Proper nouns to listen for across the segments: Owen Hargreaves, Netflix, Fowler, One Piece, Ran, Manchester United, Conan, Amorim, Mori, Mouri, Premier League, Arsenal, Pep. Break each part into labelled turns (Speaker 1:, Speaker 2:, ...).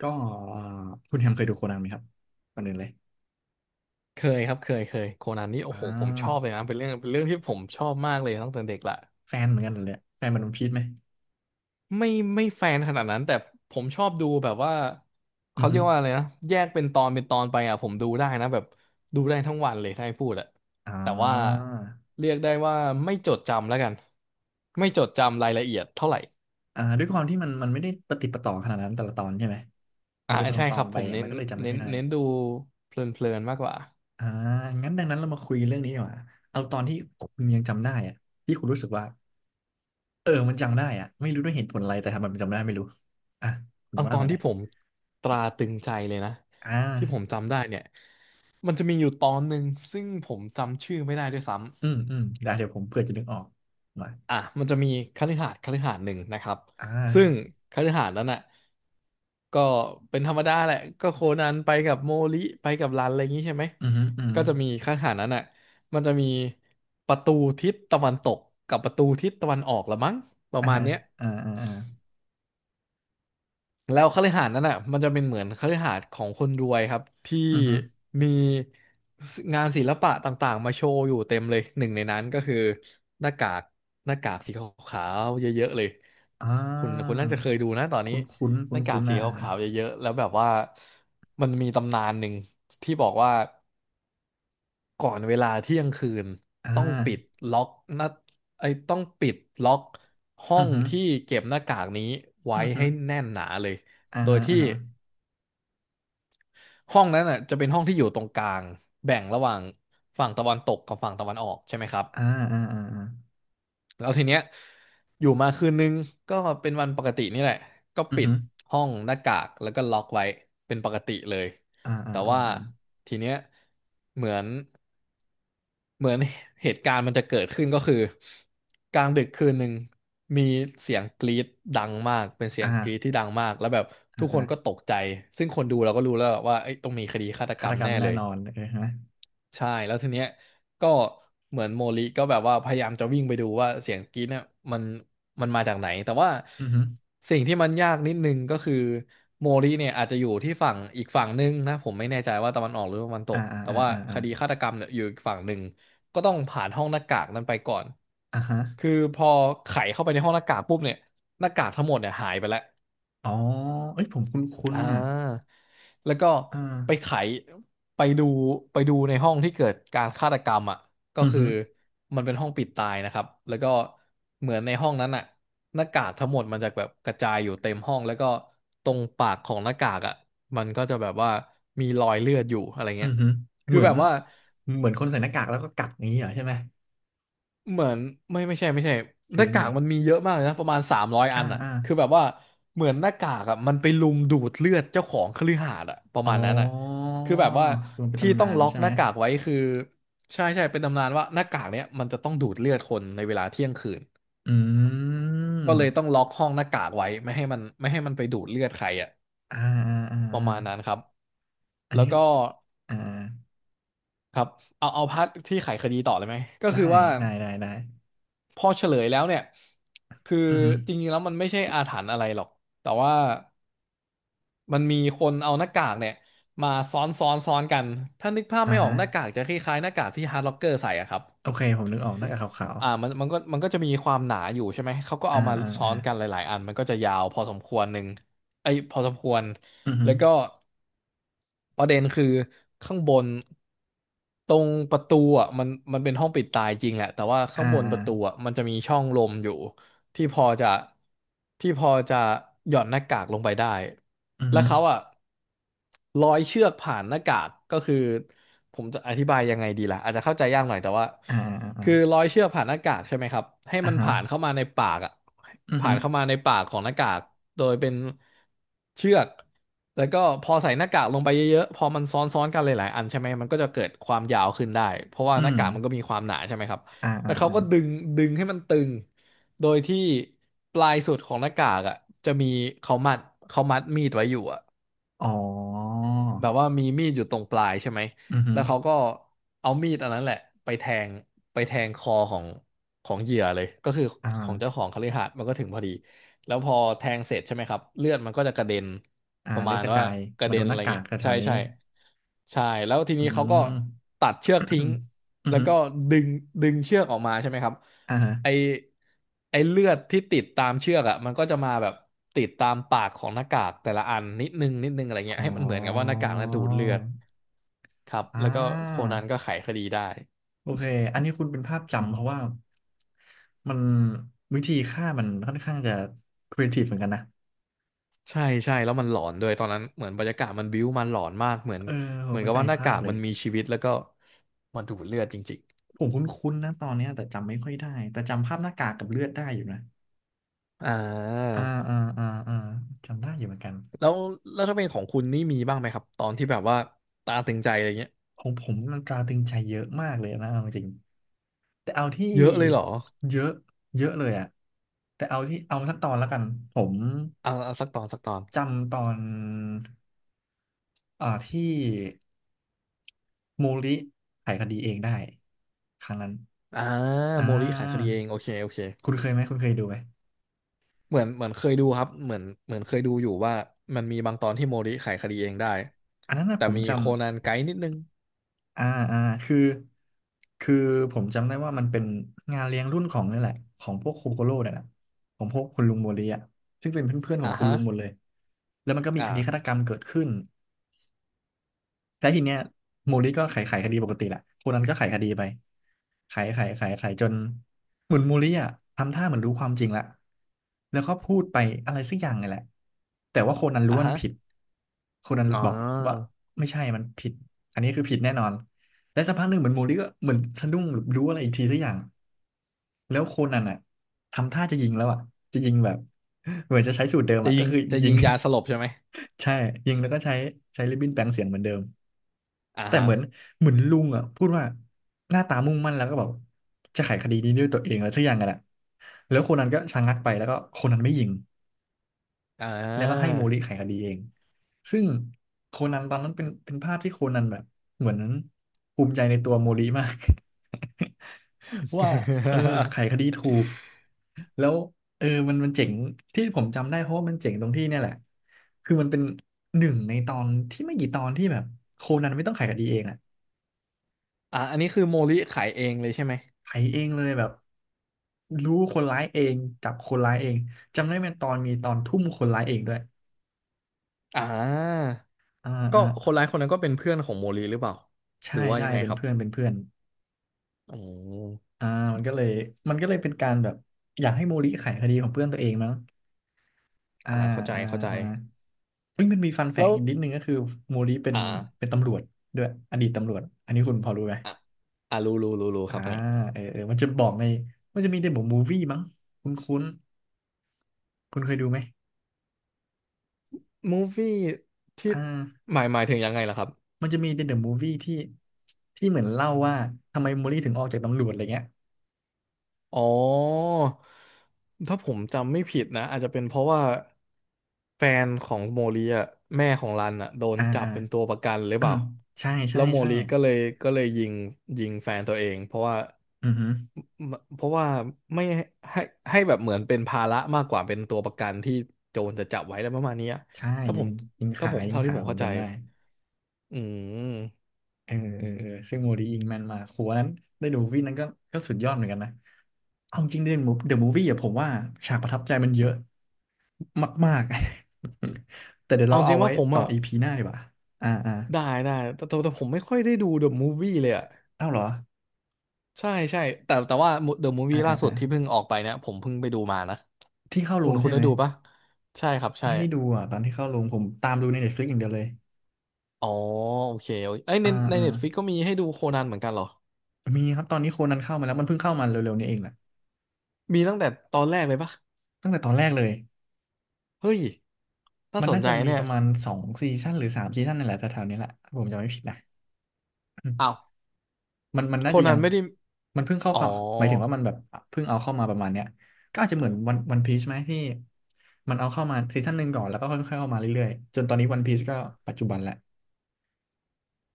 Speaker 1: ก็เอ่อคุณแฮมเคยดูโคนันไหมครับก่อนอื่นเลย
Speaker 2: เคยครับเคยโคนันนี่โอ้
Speaker 1: อ่
Speaker 2: โหผมชอบเล
Speaker 1: า
Speaker 2: ยนะเป็นเรื่องที่ผมชอบมากเลยตั้งแต่เด็กละ
Speaker 1: แฟนเหมือนกันเลยแฟนมันวันพีชไหม
Speaker 2: ไม่ไม่แฟนขนาดนั้นแต่ผมชอบดูแบบว่า
Speaker 1: อื
Speaker 2: เขา
Speaker 1: อ
Speaker 2: เรี
Speaker 1: ฮึ
Speaker 2: ยกว่าอะไรนะแยกเป็นตอนไปอ่ะผมดูได้นะแบบดูได้ทั้งวันเลยถ้าให้พูดอะ
Speaker 1: อ่
Speaker 2: แต่ว่า
Speaker 1: า
Speaker 2: เรียกได้ว่าไม่จดจำแล้วกันไม่จดจำรายละเอียดเท่าไหร่
Speaker 1: อ่าด้วยความที่มันไม่ได้ประติดประต่อขนาดนั้นแต่ละตอนใช่ไหมมั
Speaker 2: อ่า
Speaker 1: นเป็นตอน
Speaker 2: ใช่
Speaker 1: ต
Speaker 2: ค
Speaker 1: อ
Speaker 2: รั
Speaker 1: น
Speaker 2: บ
Speaker 1: ไป
Speaker 2: ผมเน้
Speaker 1: มั
Speaker 2: น
Speaker 1: นก็เลยจำไม่ค่อยได้
Speaker 2: เน้นดูเพลินมากกว่า
Speaker 1: อ่างั้นดังนั้นเรามาคุยเรื่องนี้ดีกว่าเอาตอนที่คุณยังจำได้อะที่คุณรู้สึกว่าเออมันจำได้อะไม่รู้ด้วยเหตุผลอะไรแต่ทำไมมันจำได้ไม่รู้อ่ะคุณ
Speaker 2: เอา
Speaker 1: ว่า
Speaker 2: ตอน
Speaker 1: มาหน่
Speaker 2: ที่
Speaker 1: อย
Speaker 2: ผมตราตรึงใจเลยนะ
Speaker 1: อ่
Speaker 2: ที่ผม
Speaker 1: า
Speaker 2: จำได้เนี่ย มันจะมีอยู่ตอนหนึ่งซึ่งผมจำชื่อไม่ได้ด้วยซ้ำ
Speaker 1: อืมอืมได้เดี๋ยวผมเผื่อจะนึกออกมา
Speaker 2: อ่ะมันจะมีคฤหาสน์หนึ่งนะครับ
Speaker 1: อ่
Speaker 2: ซึ่ง
Speaker 1: า
Speaker 2: คฤหาสน์นั้นน่ะก็เป็นธรรมดาแหละก็โคนันไปกับโมริไปกับรันอะไรอย่างนี้ใช่ไหม
Speaker 1: อืมอหืมออือ
Speaker 2: ก็
Speaker 1: หือ
Speaker 2: จะมีคฤหาสน์นั้นน่ะมันจะมีประตูทิศตะวันตกกับประตูทิศตะวันออกละมั้งประ
Speaker 1: อ่า
Speaker 2: มาณเนี้ย
Speaker 1: อ่าอ่าอ่า
Speaker 2: แล้วคฤหาสน์นั้นอ่ะมันจะเป็นเหมือนคฤหาสน์ของคนรวยครับที่
Speaker 1: อือฮึ
Speaker 2: มีงานศิลปะต่างๆมาโชว์อยู่เต็มเลยหนึ่งในนั้นก็คือหน้ากากหน้ากากสีขาวๆเยอะๆเลย
Speaker 1: อ่
Speaker 2: คุ
Speaker 1: า
Speaker 2: ณน่าจะเคยดูนะตอนนี้
Speaker 1: คุ้นคุ้น
Speaker 2: ห
Speaker 1: คุ้น
Speaker 2: น้ากา
Speaker 1: คุ้
Speaker 2: ก
Speaker 1: นๆ
Speaker 2: สี
Speaker 1: อ่ะฮะ
Speaker 2: ขาวๆเยอะๆแล้วแบบว่ามันมีตำนานหนึ่งที่บอกว่าก่อนเวลาเที่ยงคืน
Speaker 1: อ่
Speaker 2: ต้องปิด
Speaker 1: า
Speaker 2: ล็อกหน้าไอ้ต้องปิดล็อกห้อ
Speaker 1: อือ
Speaker 2: ง
Speaker 1: ฮึ
Speaker 2: ที่เก็บหน้ากากนี้ไว้
Speaker 1: อือฮึ
Speaker 2: ให้แน่นหนาเลย
Speaker 1: อ่า
Speaker 2: โดย
Speaker 1: ฮะอ่า
Speaker 2: ที่
Speaker 1: ฮะ
Speaker 2: ห้องนั้นอ่ะจะเป็นห้องที่อยู่ตรงกลางแบ่งระหว่างฝั่งตะวันตกกับฝั่งตะวันออกใช่ไหมครับ
Speaker 1: อ่าอ่าอ่าอ่า
Speaker 2: แล้วทีเนี้ยอยู่มาคืนนึงก็เป็นวันปกตินี่แหละก็
Speaker 1: อือ
Speaker 2: ปิด
Speaker 1: ฮึ
Speaker 2: ห้องหน้ากากแล้วก็ล็อกไว้เป็นปกติเลย
Speaker 1: อ่าอ่า
Speaker 2: แต่
Speaker 1: อ่า
Speaker 2: ว่า
Speaker 1: อ่า
Speaker 2: ทีเนี้ยเหมือนเหมือนเหตุการณ์มันจะเกิดขึ้นก็คือกลางดึกคืนหนึ่งมีเสียงกรีดดังมากเป็นเสีย
Speaker 1: อ่า
Speaker 2: งกรีดที่ดังมากแล้วแบบ
Speaker 1: อ่า
Speaker 2: ทุกค
Speaker 1: ฮะ
Speaker 2: นก็ตกใจซึ่งคนดูเราก็รู้แล้วว่าเอ้ยต้องมีคดีฆาตก
Speaker 1: ฆา
Speaker 2: รร
Speaker 1: ต
Speaker 2: ม
Speaker 1: กรร
Speaker 2: แน่
Speaker 1: มแน่
Speaker 2: เลย
Speaker 1: นอนเออฮะ
Speaker 2: ใช่แล้วทีเนี้ยก็เหมือนโมลิก็แบบว่าพยายามจะวิ่งไปดูว่าเสียงกรี๊ดเนี่ยมันมันมาจากไหนแต่ว่า
Speaker 1: อือฮึ
Speaker 2: สิ่งที่มันยากนิดนึงก็คือโมลิเนี่ยอาจจะอยู่ที่ฝั่งอีกฝั่งนึงนะผมไม่แน่ใจว่าตะวันออกหรือตะวันต
Speaker 1: อ่า
Speaker 2: ก
Speaker 1: อ่า
Speaker 2: แต่
Speaker 1: อ่า
Speaker 2: ว่า
Speaker 1: อ่า
Speaker 2: ค
Speaker 1: อ่า
Speaker 2: ดีฆาตกรรมเนี่ยอยู่อีกฝั่งหนึ่งก็ต้องผ่านห้องหน้ากากนั้นไปก่อน
Speaker 1: อ่าฮะ
Speaker 2: คือพอไขเข้าไปในห้องหน้ากากปุ๊บเนี่ยหน้ากากทั้งหมดเนี่ยหายไปแล้ว
Speaker 1: อ๋อเอ้ยผมคุ้นคุ้น
Speaker 2: อ่
Speaker 1: อ่ะ
Speaker 2: าแล้วก็
Speaker 1: อ่
Speaker 2: ไปไข
Speaker 1: า
Speaker 2: ไปดูในห้องที่เกิดการฆาตกรรมอ่ะก็
Speaker 1: อือ
Speaker 2: คือ
Speaker 1: ฮึ
Speaker 2: มันเป็นห้องปิดตายนะครับแล้วก็เหมือนในห้องนั้นอ่ะหน้ากากทั้งหมดมันจะแบบกระจายอยู่เต็มห้องแล้วก็ตรงปากของหน้ากากอ่ะมันก็จะแบบว่ามีรอยเลือดอยู่อะไร
Speaker 1: อื
Speaker 2: เงี้
Speaker 1: อ
Speaker 2: ย
Speaker 1: ฮึเห
Speaker 2: คือ
Speaker 1: มือ
Speaker 2: แบ
Speaker 1: น
Speaker 2: บว่า
Speaker 1: เหมือนคนใส่หน้ากากแล้วก็กัดอย่างนี้เหรอใช่ไหม
Speaker 2: เหมือนไม่ใช่ไม่ใช่
Speaker 1: ห
Speaker 2: ห
Speaker 1: รื
Speaker 2: น้า
Speaker 1: อยัง
Speaker 2: กา
Speaker 1: ไง
Speaker 2: กมันมีเยอะมากเลยนะประมาณ300อั
Speaker 1: อ่า
Speaker 2: นอ่ะ
Speaker 1: อ่า
Speaker 2: คือแบบว่าเหมือนหน้ากากอ่ะมันไปลุมดูดเลือดเจ้าของคฤหาสน์อ่ะประ
Speaker 1: อ๋
Speaker 2: มาณนั้นอ่ะ
Speaker 1: อ
Speaker 2: คือแบบว่า
Speaker 1: คือมันเป็น
Speaker 2: ที่
Speaker 1: ตำ
Speaker 2: ต้อ
Speaker 1: นา
Speaker 2: ง
Speaker 1: น
Speaker 2: ล็อก
Speaker 1: ใช่
Speaker 2: ห
Speaker 1: ไหม
Speaker 2: น้ากากไว้คือใช่ใช่เป็นตำนานว่าหน้ากากเนี้ยมันจะต้องดูดเลือดคนในเวลาเที่ยงคืน
Speaker 1: อื
Speaker 2: ก็เลยต้อง
Speaker 1: ม
Speaker 2: ล็อกห้องหน้ากากไว้ไม่ให้มันไปดูดเลือดใครอ่ะ
Speaker 1: อ่าอ่าอ่า
Speaker 2: ประ
Speaker 1: อ่า
Speaker 2: มาณนั้นครับ
Speaker 1: อัน
Speaker 2: แล้ว
Speaker 1: นี้ก็
Speaker 2: ก็
Speaker 1: อ่า
Speaker 2: ครับเอาพาร์ทที่ไขคดีต่อเลยไหมก็
Speaker 1: ได้
Speaker 2: คือว่า
Speaker 1: ได้ได้ได้
Speaker 2: พอเฉลยแล้วเนี่ย คือ
Speaker 1: อือฮึ
Speaker 2: จริงๆแล้วมันไม่ใช่อาถรรพ์อะไรหรอก แต่ว่ามันมีคนเอาหน้ากากเนี่ยมาซ้อนซ้อนกัน ถ้านึกภาพ
Speaker 1: อ่า
Speaker 2: ไม่ออ
Speaker 1: ฮะ
Speaker 2: กหน้ากากจะคล้ายๆหน้ากากที่ฮาร์ดล็อกเกอร์ใส่อะครับ
Speaker 1: โอเคผมนึกออกหน้ากากขาว
Speaker 2: อ่ามันมันก็จะมีความหนาอยู่ใช่ไหมเขาก็
Speaker 1: ๆอ่า
Speaker 2: เอามา
Speaker 1: อ่า
Speaker 2: ซ้อ
Speaker 1: อ่า
Speaker 2: นกันหลายๆอันมันก็จะยาวพอสมควรหนึ่งไอ้ยพอสมควร
Speaker 1: อือฮึ
Speaker 2: แล้วก็ประเด็นคือข้างบนตรงประตูอ่ะมันเป็นห้องปิดตายจริงแหละแต่ว่า
Speaker 1: อ่า
Speaker 2: ข้างบน
Speaker 1: อ่า
Speaker 2: ประตูอ่ะมันจะมีช่องลมอยู่ที่พอจะที่พอจะหย่อนหน้ากากลงไปได้
Speaker 1: อือ
Speaker 2: แล้
Speaker 1: ฮึ
Speaker 2: วเขาอ่ะร้อยเชือกผ่านหน้ากากก็คือผมจะอธิบายยังไงดีล่ะอาจจะเข้าใจยากหน่อยแต่ว่า
Speaker 1: อ่าอ่าอ่า
Speaker 2: คือร้อยเชือกผ่านหน้ากากใช่ไหมครับให้
Speaker 1: อ่า
Speaker 2: มัน
Speaker 1: ฮะ
Speaker 2: ผ่านเข้ามาในปากอ่ะ
Speaker 1: อือ
Speaker 2: ผ่า
Speaker 1: ฮึ
Speaker 2: นเข้ามาในปากของหน้ากากโดยเป็นเชือกแล้วก็พอใส่หน้ากากลงไปเยอะๆพอมันซ้อนๆกันหลายๆอันใช่ไหมมันก็จะเกิดความยาวขึ้นได้เพราะว่าห
Speaker 1: อื
Speaker 2: น้า
Speaker 1: ม
Speaker 2: กากมันก็มีความหนาใช่ไหมครับ
Speaker 1: อ่าอ่า
Speaker 2: แล้วเขา
Speaker 1: อ่า
Speaker 2: ก็ดึงให้มันตึงโดยที่ปลายสุดของหน้ากากอ่ะจะมีเขามัดเขามัดมีดไว้อยู่อ่ะ
Speaker 1: อ๋อ
Speaker 2: แบบว่ามีมีดอยู่ตรงปลายใช่ไหม
Speaker 1: อือฮึ
Speaker 2: แล้วเขาก็เอามีดอันนั้นแหละไปแทงไปแทงคอของของเหยื่อเลยก็คือ
Speaker 1: อ่
Speaker 2: ของเจ้าข
Speaker 1: า
Speaker 2: องคฤหาสน์มันก็ถึงพอดีแล้วพอแทงเสร็จใช่ไหมครับเลือดมันก็จะกระเด็น
Speaker 1: อ่า
Speaker 2: ประ
Speaker 1: เลื
Speaker 2: มา
Speaker 1: อ
Speaker 2: ณ
Speaker 1: กระ
Speaker 2: ว่า
Speaker 1: จาย
Speaker 2: กระ
Speaker 1: มา
Speaker 2: เด็
Speaker 1: โด
Speaker 2: น
Speaker 1: นห
Speaker 2: อะ
Speaker 1: น้า
Speaker 2: ไร
Speaker 1: กา
Speaker 2: เงี้
Speaker 1: ก
Speaker 2: ย
Speaker 1: แแถ
Speaker 2: ใช่
Speaker 1: วๆนี้
Speaker 2: ใช่ใช่แล้วที
Speaker 1: อื
Speaker 2: นี้เขาก็
Speaker 1: ม
Speaker 2: ตัดเชือกทิ้ง
Speaker 1: อือ
Speaker 2: แล้ว
Speaker 1: ฮึ
Speaker 2: ก็ดึงดึงเชือกออกมาใช่ไหมครับ
Speaker 1: อ่าฮะ
Speaker 2: ไอไอเลือดที่ติดตามเชือกอ่ะมันก็จะมาแบบติดตามปากของหน้ากากแต่ละอันนิดนึงนิดนึงอะไรเงี้ย
Speaker 1: อ๋
Speaker 2: ให้มันเหมือนกับว่าหน้า
Speaker 1: อ
Speaker 2: กากน่ะดูดเลือดครับ
Speaker 1: อ่
Speaker 2: แล้วก็โคนันก็
Speaker 1: า
Speaker 2: ไขคดีได้
Speaker 1: โอเค อันนี้คุณเป็นภาพจำเพราะว่ามันวิธีฆ่ามันค่อนข้างจะครีเอทีฟเหมือนกันนะ
Speaker 2: ใช่ใช่แล้วมันหลอนด้วยตอนนั้นเหมือนบรรยากาศมันบิ้วมันหลอนมากเหมือน
Speaker 1: เออผ
Speaker 2: เห
Speaker 1: ม
Speaker 2: มือน
Speaker 1: เข้า
Speaker 2: กับ
Speaker 1: ใจ
Speaker 2: ว่าหน้า
Speaker 1: ภา
Speaker 2: กา
Speaker 1: พ
Speaker 2: ก
Speaker 1: เล
Speaker 2: มั
Speaker 1: ย
Speaker 2: นมีชีวิตแล้วก็มนดูดเลือดจริง
Speaker 1: ผมคุ้นๆนะตอนเนี้ยแต่จำไม่ค่อยได้ แต่จำภาพหน้ากากกับเลือดได้อยู่นะ
Speaker 2: ๆอ่า
Speaker 1: อ่าอ่าอ่าอ่าจำได้อยู่เหมือนกัน
Speaker 2: แล้วแล้วถ้าเป็นของคุณนี่มีบ้างไหมครับตอนที่แบบว่าตาตึงใจอะไรเงี้ย
Speaker 1: ของผมมันตราตรึงใจเยอะมากเลยนะเอาจริงๆแต่เอาที่
Speaker 2: เยอะเลยเหรอ
Speaker 1: เยอะเยอะเลยอะแต่เอาที่เอาสักตอนแล้วกัน ผม
Speaker 2: อ่าเอาสักตอนสักตอน
Speaker 1: จำตอนอ่าที่ มูริธิไขคดีเองได้ครั้งนั้น
Speaker 2: อ่า
Speaker 1: อ่
Speaker 2: โมริขายคดี
Speaker 1: า
Speaker 2: เองโอเคโอเค
Speaker 1: คุณเคยไหม คุณเคยดูไหม
Speaker 2: เหมือนเหมือนเคยดูครับเหมือนเหมือนเคยดูอยู่ว่ามันมีบางตอนที่โมริไขคดีเองได้
Speaker 1: อันนั้นนะ
Speaker 2: แต่
Speaker 1: ผม
Speaker 2: มี
Speaker 1: จำ
Speaker 2: โคนันไกด์นิดนึง
Speaker 1: อ่าอ่าคือ คือผมจำได้ว่ามันเป็นงานเลี้ยงรุ่นของนี่แหละของพวกโคโคโร่เนี่ยแหละของพวกคุณลุงโมริอ่ะซึ่งเป็นเพื่อนๆของ
Speaker 2: อ่า
Speaker 1: คุณ
Speaker 2: ฮะ
Speaker 1: ลุงหมดเลย แล้วมันก็มี
Speaker 2: อ่า
Speaker 1: คดีฆาตกรรมเกิดขึ้น แล้วทีเนี้ยโมริก็ไขคดีปกติแหละคนนั้นก็ไขคดีไปไขไขไขไขจนเหมือนโมริอ่ะทำท่าเหมือนรู้ความจริงละแล้วก็พูดไปอะไรสักอย่างไงแหละแต่ว่าคนนั้นรู้
Speaker 2: อ่า
Speaker 1: ว่ามั
Speaker 2: ฮะ
Speaker 1: นผิดคนนั้น
Speaker 2: อ๋
Speaker 1: บอกว่า
Speaker 2: อ
Speaker 1: ไม่ใช่มันผิดอันนี้คือผิดแน่นอนและสักพักหนึ่งเหมือนโมริก็เหมือนสะดุ้งหรือรู้อะไรอีกทีสักอย่างแล้วโคนันอ่ะทำท่าจะยิงแล้วอ่ะจะยิงแบบเหมือนจะใช้สูตรเดิม
Speaker 2: จะ
Speaker 1: อ่ะก็
Speaker 2: ยิง
Speaker 1: คือ
Speaker 2: จะ
Speaker 1: ยิ
Speaker 2: ยิ
Speaker 1: ง
Speaker 2: งยาสลบใช่ไหม
Speaker 1: ใช่ยิงแล้วก็ใช้ริบบิ้นแปลงเสียงเหมือนเดิม
Speaker 2: อ่า
Speaker 1: แต่เหมือน
Speaker 2: ฮะ
Speaker 1: เหมือนลุงอ่ะพูดว่าหน้าตามุ่งมั่นแล้วก็แบบจะไขคดีนี้ด้วยตัวเองแล้วสักอย่างกันแหละแล้วคนนั้นก็ชะงักไปแล้วก็คนนั้นไม่ยิง
Speaker 2: อ่า
Speaker 1: แล้วก็ให้โมริไขคดีเองซึ่งโคนันตอนนั้นเป็นภาพที่โคนันแบบเหมือนภูมิใจในตัวโมริมาก ว่าเออไขคดี ถูกแล้วเออมันมันเจ๋งที่ผมจำได้เพราะว่ามันเจ๋งตรงที่เนี่ยแหละคือมันเป็นหนึ่งในตอนที่ไม่กี่ตอนที่แบบโคนันไม่ต้องไขคดีเองอะ
Speaker 2: อ่าอันนี้คือโมริไขเองเลยใช่ไหม
Speaker 1: ไถเองเลยแบบรู้คนร้ายเองจับคนร้ายเองจำได้เป็นตอนมีตอนทุ่มคนร้ายเองด้วย
Speaker 2: อ่า
Speaker 1: อ่า
Speaker 2: ก็
Speaker 1: อ่า
Speaker 2: คนร้ายคนนั้นก็เป็นเพื่อนของโมริหรือเปล่าห
Speaker 1: ใช่
Speaker 2: รือว่า
Speaker 1: ใช่
Speaker 2: ยังไง
Speaker 1: เป็น
Speaker 2: ครับ
Speaker 1: เพื่อนเป็นเพื่อน
Speaker 2: อ๋อ
Speaker 1: อ่ามันก็เลยมันก็เลยเป็นการแบบอยากให้โมริไขคดีของเพื่อนตัวเองมั้งอ่า
Speaker 2: อ่าเข้าใจ
Speaker 1: อ่า
Speaker 2: เข้าใจ
Speaker 1: อ่าเฮ้ยมันมีฟันแฝ
Speaker 2: แล้
Speaker 1: ง
Speaker 2: ว
Speaker 1: อีกนิดนึงก็คือโมริเป็น
Speaker 2: อ่า
Speaker 1: ตำรวจด้วยอดีตตำรวจอันนี้คุณพอรู้ไหม
Speaker 2: อ่ะอ่ารู้รู้รู้รู้
Speaker 1: อ่า
Speaker 2: ครับอันนี้
Speaker 1: เออเออมันจะบอกในมันจะมีในบทมูฟวี่มั้งคุ้นคุ้นคุณเคยดูไหม
Speaker 2: มูฟวี่ที่
Speaker 1: อ่า
Speaker 2: หมายถึงยังไงล่ะครับ
Speaker 1: มันจะมีในเดอะมูฟวี่ที่ที่เหมือนเล่าว่าทำไมโมลี่ถึงออกจากตำรวจอะไรเงี้ย
Speaker 2: อ๋อ ถ้าผมจำไม่ผิดนะอาจจะเป็นเพราะว่าแฟนของโมลีอ่ะแม่ของรันอ่ะโดน
Speaker 1: อ่า
Speaker 2: จับ
Speaker 1: อ่า
Speaker 2: เป็นตัวประกันหรือเปล่า
Speaker 1: ใช่
Speaker 2: แล้
Speaker 1: ใช่
Speaker 2: วโม
Speaker 1: ใช่
Speaker 2: ลีก็เลยก็เลยยิงยิงแฟนตัวเองเพราะว่า
Speaker 1: อือฮึ
Speaker 2: เพราะว่าไม่ให้ให้แบบเหมือนเป็นภาระมากกว่าเป็นตัวประกันที่โจรจะจับไว้แล้วประมาณเนี้ย
Speaker 1: ใช่
Speaker 2: ถ้า
Speaker 1: ยิ
Speaker 2: ผ
Speaker 1: ง
Speaker 2: มถ้าผม
Speaker 1: ยิง
Speaker 2: เท่าที่
Speaker 1: ขา
Speaker 2: ผม
Speaker 1: ผม
Speaker 2: เข้าใจ
Speaker 1: จำได้
Speaker 2: อืม
Speaker 1: เออเออเออซึ่งโมลี่ยิงแม่นมากโหอัวนั้นได้ดูมูฟวี่นั้นก็ก็สุดยอดเหมือนกันนะเอาจริงเดอะมูฟวี่อะผมว่าฉากประทับใจมันเยอะมากๆ แต่เดี๋ยว
Speaker 2: เอา
Speaker 1: เรา
Speaker 2: จ
Speaker 1: เอา
Speaker 2: ริง
Speaker 1: ไว้
Speaker 2: ว่าผม
Speaker 1: ต่อ
Speaker 2: อ่ะ
Speaker 1: อีพีหน้าดีกว่าอ่าอ่า
Speaker 2: ได้ได้แต่ผมไม่ค่อยได้ดู The Movie เลยอ่ะ
Speaker 1: เอ้าเหรอ
Speaker 2: ใช่ใช่แต่แต่ว่า The
Speaker 1: อ่า
Speaker 2: Movie ล่า
Speaker 1: อ่า
Speaker 2: สุ
Speaker 1: อ่า
Speaker 2: ดที่เพิ่งออกไปเนี่ยผมเพิ่งไปดูมานะ
Speaker 1: ที่เข้าโร
Speaker 2: คุณ
Speaker 1: ง
Speaker 2: คุณ
Speaker 1: ใช่
Speaker 2: ได้
Speaker 1: ไหม
Speaker 2: ดูปะใช่ครับใช่
Speaker 1: ไม่ได้ดูอ่ะตอนที่เข้าโรงผมตามดูใน Netflix อย่างเดียวเลย
Speaker 2: อ๋อโอเคโอเคเอ้ยใน
Speaker 1: อ่า
Speaker 2: ใน
Speaker 1: อ่า
Speaker 2: Netflix ก็มีให้ดูโคนันเหมือนกันเหรอ
Speaker 1: มีครับตอนนี้โคนันเข้ามาแล้วมันเพิ่งเข้ามาเร็วๆนี้เองแหละ
Speaker 2: มีตั้งแต่ตอนแรกเลยปะ
Speaker 1: ตั้งแต่ตอนแรกเลย
Speaker 2: เฮ้ยน่า
Speaker 1: มัน
Speaker 2: สน
Speaker 1: น่า
Speaker 2: ใจ
Speaker 1: จะมี
Speaker 2: เนี่
Speaker 1: ป
Speaker 2: ย
Speaker 1: ระมาณสองซีซั่นหรือสามซีซั่นนี่นแหละแถวๆนี้แหละถ้าผมจำไม่ผิดนะอื
Speaker 2: อ้าว
Speaker 1: มมันมัน
Speaker 2: โค
Speaker 1: น่าจะยั
Speaker 2: นัน
Speaker 1: ง
Speaker 2: ไม่ได้
Speaker 1: มันเพิ่งเข้า
Speaker 2: อ๋อ
Speaker 1: เข้าหมายถึงว่ามันแบบเพิ่งเอาเข้ามาประมาณเนี้ยก็อาจจะเหมือนวันพีชไหมที่มันเอาเข้ามาซีซั่นหนึ่งก่อนแล้วก็ค่อยๆเข้ามาเรื่อยๆจนตอนนี้วันพีชก็ปัจจุบันแหละ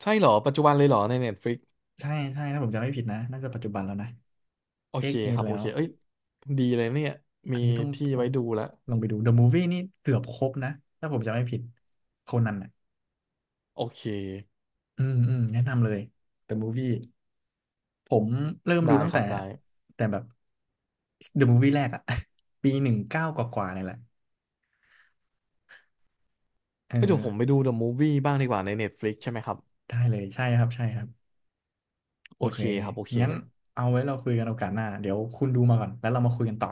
Speaker 2: ใช่เหรอปัจจุบันเลยเหรอใน Netflix
Speaker 1: ใช่ใช่ถ้าผมจำไม่ผิดนะน่าจะปัจจุบันแล้วนะ
Speaker 2: โอ
Speaker 1: เอ็
Speaker 2: เค
Speaker 1: กฮี
Speaker 2: ค
Speaker 1: ท
Speaker 2: รับ
Speaker 1: แล้
Speaker 2: โอ
Speaker 1: ว
Speaker 2: เคเอ้ยดีเลยเนี่ย
Speaker 1: อั
Speaker 2: มี
Speaker 1: นนี้ต้อง
Speaker 2: ที่
Speaker 1: ต้อง
Speaker 2: ไว้ดูแล้ว
Speaker 1: ลองไปดู The Movie นี่เกือบครบนะถ้าผมจำไม่ผิดโคนัน
Speaker 2: โอเค
Speaker 1: อืมอืมแนะนำเลย The Movie ผมเริ่มดู
Speaker 2: ได้
Speaker 1: ตั้ง
Speaker 2: ค
Speaker 1: แต่
Speaker 2: รับได้
Speaker 1: แต่แบบ The Movie แรกอะ ปีหนึ่งเก้ากว่าๆเนี่ยแหละเออ
Speaker 2: เอ้ยเดี๋ยวผมไปดู The Movie บ้างดีกว่าใน Netflix ใช่ไหมครับ
Speaker 1: ได้เลยใช่ครับใช่ครับโอ
Speaker 2: โอ
Speaker 1: เค
Speaker 2: เคครับโอเค
Speaker 1: งั้น
Speaker 2: เลย
Speaker 1: เอาไว้เราคุยกันโอกาสหน้าเดี๋ยวคุณดูมาก่อนแล้วเรามาคุยกันต่อ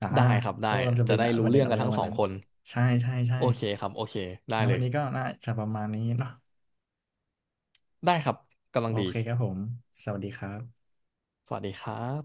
Speaker 1: อ่า
Speaker 2: ได้ครับได้
Speaker 1: ว่ามันจะ
Speaker 2: จะ
Speaker 1: เป็น
Speaker 2: ได้
Speaker 1: ป
Speaker 2: รู้
Speaker 1: ระเด็
Speaker 2: เรื่
Speaker 1: น
Speaker 2: อง
Speaker 1: อะ
Speaker 2: กั
Speaker 1: ไร
Speaker 2: น
Speaker 1: ป
Speaker 2: ทั้
Speaker 1: ระ
Speaker 2: ง
Speaker 1: มา
Speaker 2: ส
Speaker 1: ณ
Speaker 2: อง
Speaker 1: นั้น
Speaker 2: คน
Speaker 1: ใช่ใช่ใช่
Speaker 2: โอเคครับโอเคได้
Speaker 1: งั้น
Speaker 2: เล
Speaker 1: วัน
Speaker 2: ย
Speaker 1: นี้ก็น่าจะประมาณนี้เนาะ
Speaker 2: ได้ครับกำลั
Speaker 1: โอ
Speaker 2: งดี
Speaker 1: เคครับผมสวัสดีครับ
Speaker 2: สวัสดีครับ